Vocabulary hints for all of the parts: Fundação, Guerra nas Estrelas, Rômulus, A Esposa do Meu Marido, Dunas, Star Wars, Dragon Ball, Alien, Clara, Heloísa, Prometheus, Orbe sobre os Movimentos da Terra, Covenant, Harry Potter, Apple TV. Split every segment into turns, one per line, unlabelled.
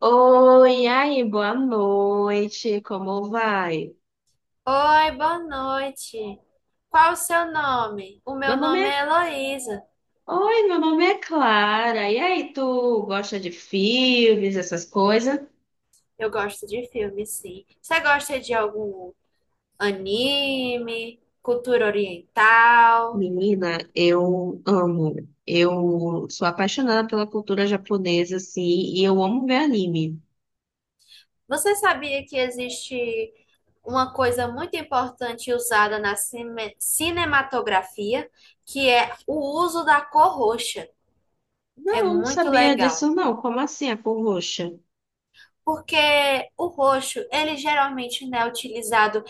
Oi, e aí, boa noite, como vai?
Oi, boa noite. Qual o seu nome? O
Meu
meu
nome
nome
é...
é Heloísa.
Oi, meu nome é Clara. E aí, tu gosta de filmes, essas coisas?
Eu gosto de filme, sim. Você gosta de algum anime, cultura oriental?
Menina, eu amo. Eu sou apaixonada pela cultura japonesa, assim, e eu amo ver anime.
Você sabia que existe uma coisa muito importante usada na cinematografia, que é o uso da cor roxa? É
Não, não
muito
sabia
legal.
disso, não. Como assim, a cor roxa?
Porque o roxo, ele geralmente não é utilizado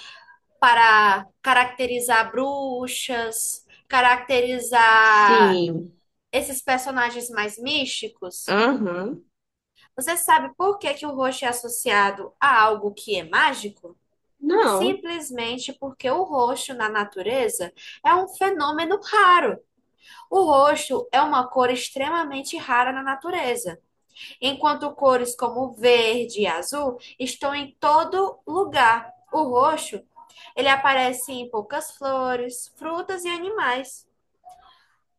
para caracterizar bruxas, caracterizar
Sim.
esses personagens mais místicos.
Aham.
Você sabe por que que o roxo é associado a algo que é mágico?
Não.
Simplesmente porque o roxo na natureza é um fenômeno raro. O roxo é uma cor extremamente rara na natureza, enquanto cores como verde e azul estão em todo lugar. O roxo, ele aparece em poucas flores, frutas e animais.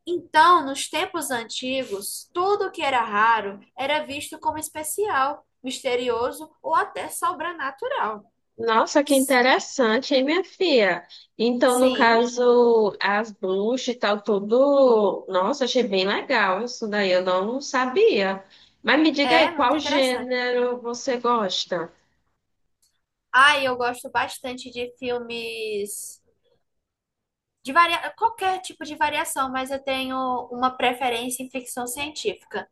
Então, nos tempos antigos, tudo que era raro era visto como especial, misterioso ou até sobrenatural.
Nossa, que interessante, hein, minha filha? Então, no
Sim,
caso, as bruxas e tal, tudo. Nossa, achei bem legal isso daí, eu não sabia. Mas me diga aí,
é muito
qual
interessante.
gênero você gosta?
Ah, e eu gosto bastante de filmes de qualquer tipo de variação, mas eu tenho uma preferência em ficção científica.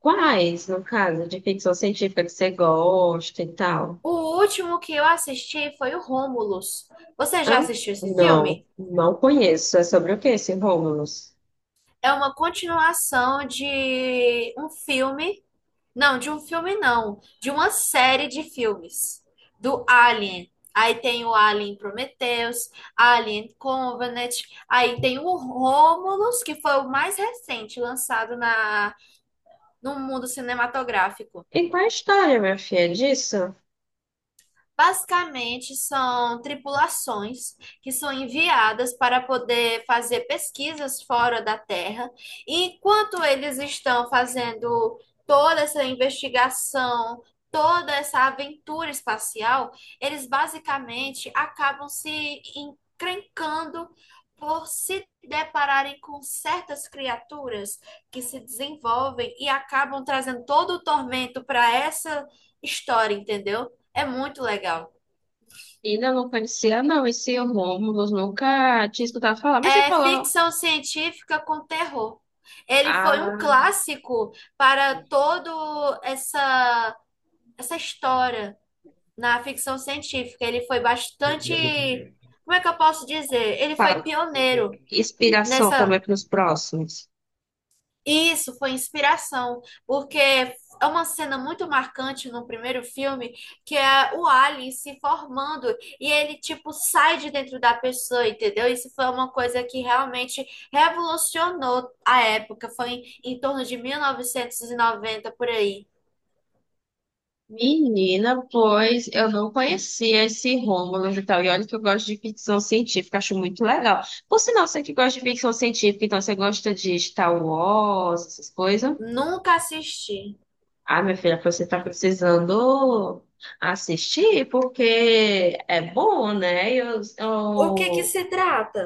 Quais, no caso, de ficção científica que você gosta e tal?
O último que eu assisti foi o Rômulus. Você já
Hã?
assistiu esse
Não,
filme?
não conheço. É sobre o que esse Romulus?
É uma continuação de um filme. Não, de um filme não, de uma série de filmes do Alien. Aí tem o Alien Prometheus, Alien Covenant, aí tem o Rômulus, que foi o mais recente lançado na no mundo cinematográfico.
E qual é a história, minha filha, disso?
Basicamente, são tripulações que são enviadas para poder fazer pesquisas fora da Terra. E enquanto eles estão fazendo toda essa investigação, toda essa aventura espacial, eles basicamente acabam se encrencando por se depararem com certas criaturas que se desenvolvem e acabam trazendo todo o tormento para essa história, entendeu? É muito legal.
Ainda não conhecia, não. Esse Romulus nunca tinha escutado falar. Mas você
É
falou.
ficção científica com terror. Ele foi um
Ah.
clássico para todo essa história na ficção científica. Ele foi bastante, como é que eu posso dizer? Ele foi
Fala.
pioneiro
Inspiração também
nessa.
para os próximos.
Isso foi inspiração, porque é uma cena muito marcante no primeiro filme, que é o Ali se formando e ele tipo sai de dentro da pessoa, entendeu? Isso foi uma coisa que realmente revolucionou a época, foi em torno de 1990 por aí.
Menina, pois eu não conhecia esse Rômulo e tal. E olha que eu gosto de ficção científica, acho muito legal. Por sinal, você que gosta de ficção científica, então você gosta de Star Wars, essas coisas?
Nunca assisti.
Ah, minha filha, você tá precisando assistir, porque é bom, né?
O que que
Eu
se trata?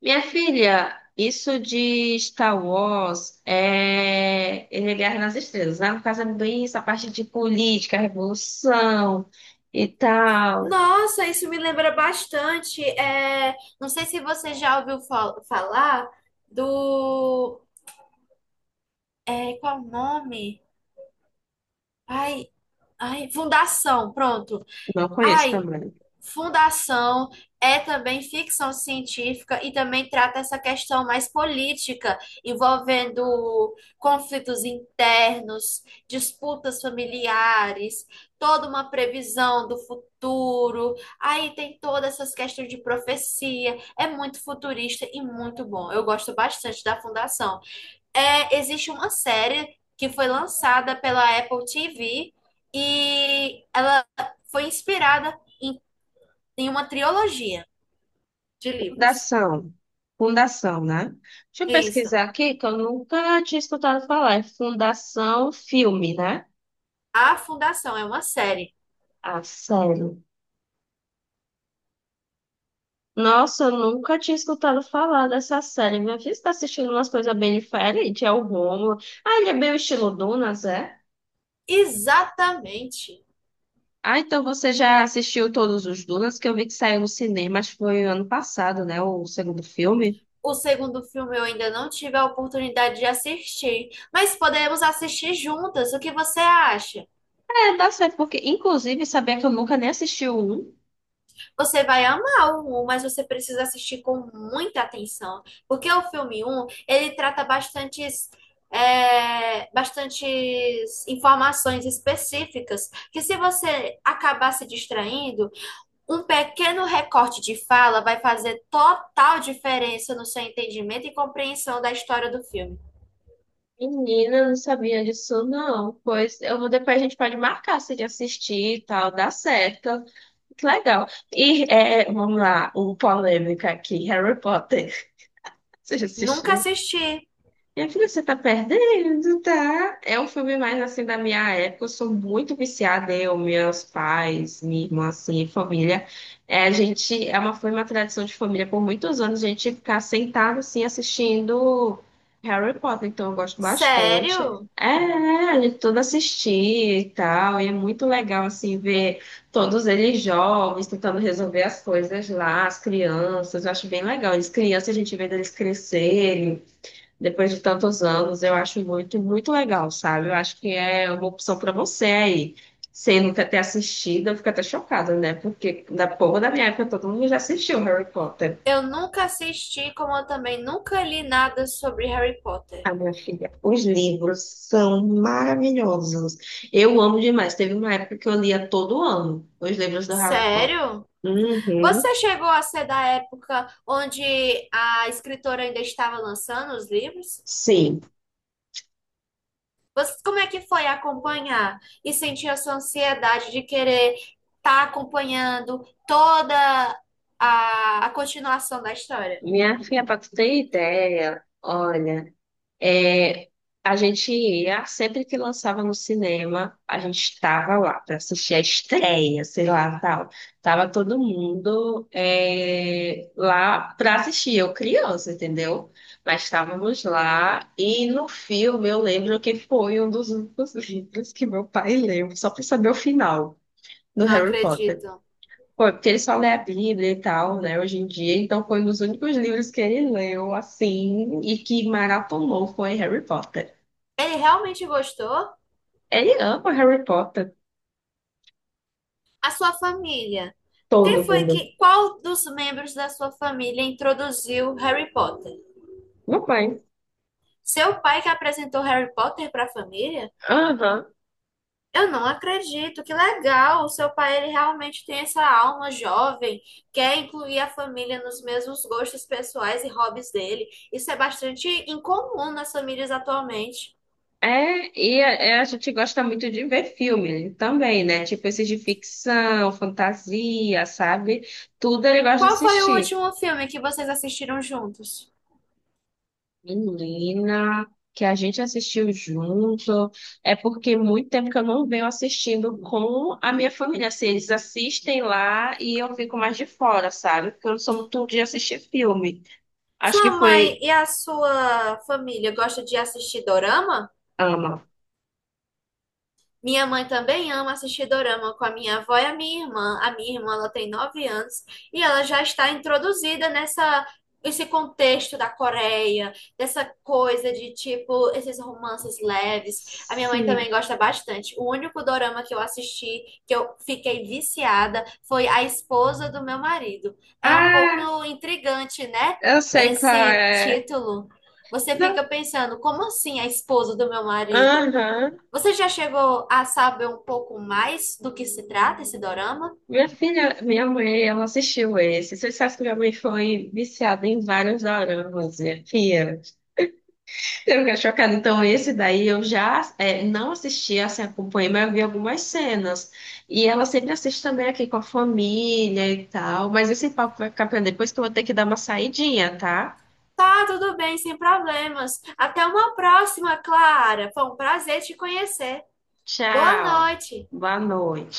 Minha filha, isso de Star Wars é, ele é Guerra nas Estrelas, né? No caso é bem essa parte de política, revolução e tal.
Nossa, isso me lembra bastante. Não sei se você já ouviu falar do qual o nome? Ai, ai, fundação, pronto.
Não conheço
Ai,
também.
fundação é também ficção científica e também trata essa questão mais política, envolvendo conflitos internos, disputas familiares, toda uma previsão do futuro. Aí tem todas essas questões de profecia. É muito futurista e muito bom. Eu gosto bastante da fundação. Existe uma série que foi lançada pela Apple TV e ela foi inspirada em uma trilogia de livros.
Fundação. Fundação, né? Deixa eu
Isso.
pesquisar aqui, que eu nunca tinha escutado falar. É Fundação Filme, né?
A Fundação é uma série.
A série. Nossa, eu nunca tinha escutado falar dessa série. Minha filha está assistindo umas coisas bem diferentes. É o Rômulo. Ah, ele é bem o estilo Dunas, é?
Exatamente.
Ah, então você já assistiu todos os Dunas, que eu vi que saiu no cinema, acho que foi ano passado, né? O segundo filme.
O segundo filme eu ainda não tive a oportunidade de assistir, mas podemos assistir juntas. O que você acha?
É, dá certo, porque inclusive sabia que eu nunca nem assisti o um.
Você vai amar o 1, mas você precisa assistir com muita atenção, porque o filme um, ele trata bastantes, bastantes informações específicas, que se você acabar se distraindo, um pequeno recorte de fala vai fazer total diferença no seu entendimento e compreensão da história do filme.
Menina, eu não sabia disso, não. Pois eu vou, depois a gente pode marcar se de assistir e tal, dá certo. Que legal. E é, vamos lá, o polêmica aqui, Harry Potter. Você já
Nunca
assistiu?
assisti.
Minha filha, você tá perdendo, tá? É um filme mais assim da minha época. Eu sou muito viciada, eu, meus pais, minha irmã, assim, família. É, a gente, é uma, foi uma tradição de família por muitos anos, a gente ficar sentado assim assistindo Harry Potter, então eu gosto bastante.
Sério?
É, é, a gente tudo assistir e tal, e é muito legal assim ver todos eles jovens tentando resolver as coisas lá, as crianças, eu acho bem legal. As crianças, a gente vê eles crescerem depois de tantos anos, eu acho muito, muito legal, sabe? Eu acho que é uma opção para você aí. Sem nunca ter assistido, eu fico até chocada, né? Porque da povo da minha época todo mundo já assistiu Harry Potter.
Eu nunca assisti, como eu também nunca li nada sobre Harry Potter.
A minha filha, os livros são maravilhosos. Eu amo demais. Teve uma época que eu lia todo ano os livros do Harry Potter.
Sério?
Uhum,
Você chegou a ser da época onde a escritora ainda estava lançando os livros?
sim.
Você, como é que foi acompanhar e sentir essa ansiedade de querer estar acompanhando toda a continuação da história?
Minha filha, para tu ter ideia, olha. É, a gente ia, sempre que lançava no cinema, a gente estava lá para assistir a estreia, sei lá, tal. Tava todo mundo é, lá para assistir, eu criança, entendeu? Mas estávamos lá e no filme eu lembro que foi um dos únicos livros que meu pai leu, só para saber o final do
Não
Harry Potter.
acredito.
Foi, porque ele só lê a Bíblia e tal, né, hoje em dia, então foi um dos únicos livros que ele leu, assim, e que maratonou foi Harry Potter.
Ele realmente gostou?
Ele ama Harry Potter.
A sua família?
Todo mundo.
Qual dos membros da sua família introduziu Harry Potter?
Meu pai.
Seu pai que apresentou Harry Potter para a família?
Aham.
Eu não acredito, que legal! O seu pai, ele realmente tem essa alma jovem, quer incluir a família nos mesmos gostos pessoais e hobbies dele. Isso é bastante incomum nas famílias atualmente.
É, e a, é, a gente gosta muito de ver filme também, né? Tipo esses de ficção, fantasia, sabe? Tudo ele gosta de
Qual foi o
assistir.
último filme que vocês assistiram juntos?
Menina, que a gente assistiu junto. É porque muito tempo que eu não venho assistindo com a minha família. Assim, eles assistem lá e eu fico mais de fora, sabe? Porque eu não sou muito de assistir filme. Acho
Sua
que
mãe
foi.
e a sua família gostam de assistir dorama?
Ama.
Minha mãe também ama assistir dorama com a minha avó e a minha irmã. A minha irmã, ela tem 9 anos e ela já está introduzida nessa esse contexto da Coreia, dessa coisa de tipo esses romances leves. A minha mãe
Sim.
também gosta bastante. O único dorama que eu assisti que eu fiquei viciada foi A Esposa do Meu Marido. É um pouco
Ah,
intrigante, né?
eu sei qual
Esse
é.
título. Você
Não.
fica pensando, como assim a esposa do meu marido?
Aham.
Você já chegou a saber um pouco mais do que se trata esse dorama?
Minha filha, minha mãe, ela assistiu esse. Você sabe que minha mãe foi viciada em vários doramas, minha filha. Eu fiquei chocada. Então, esse daí eu já é, não assisti, assim, acompanhei, mas eu vi algumas cenas. E ela sempre assiste também aqui com a família e tal. Mas esse papo vai ficar pra depois que eu vou ter que dar uma saidinha, tá?
Tá, tudo bem, sem problemas. Até uma próxima, Clara. Foi um prazer te conhecer. Boa
Tchau.
noite.
Boa noite.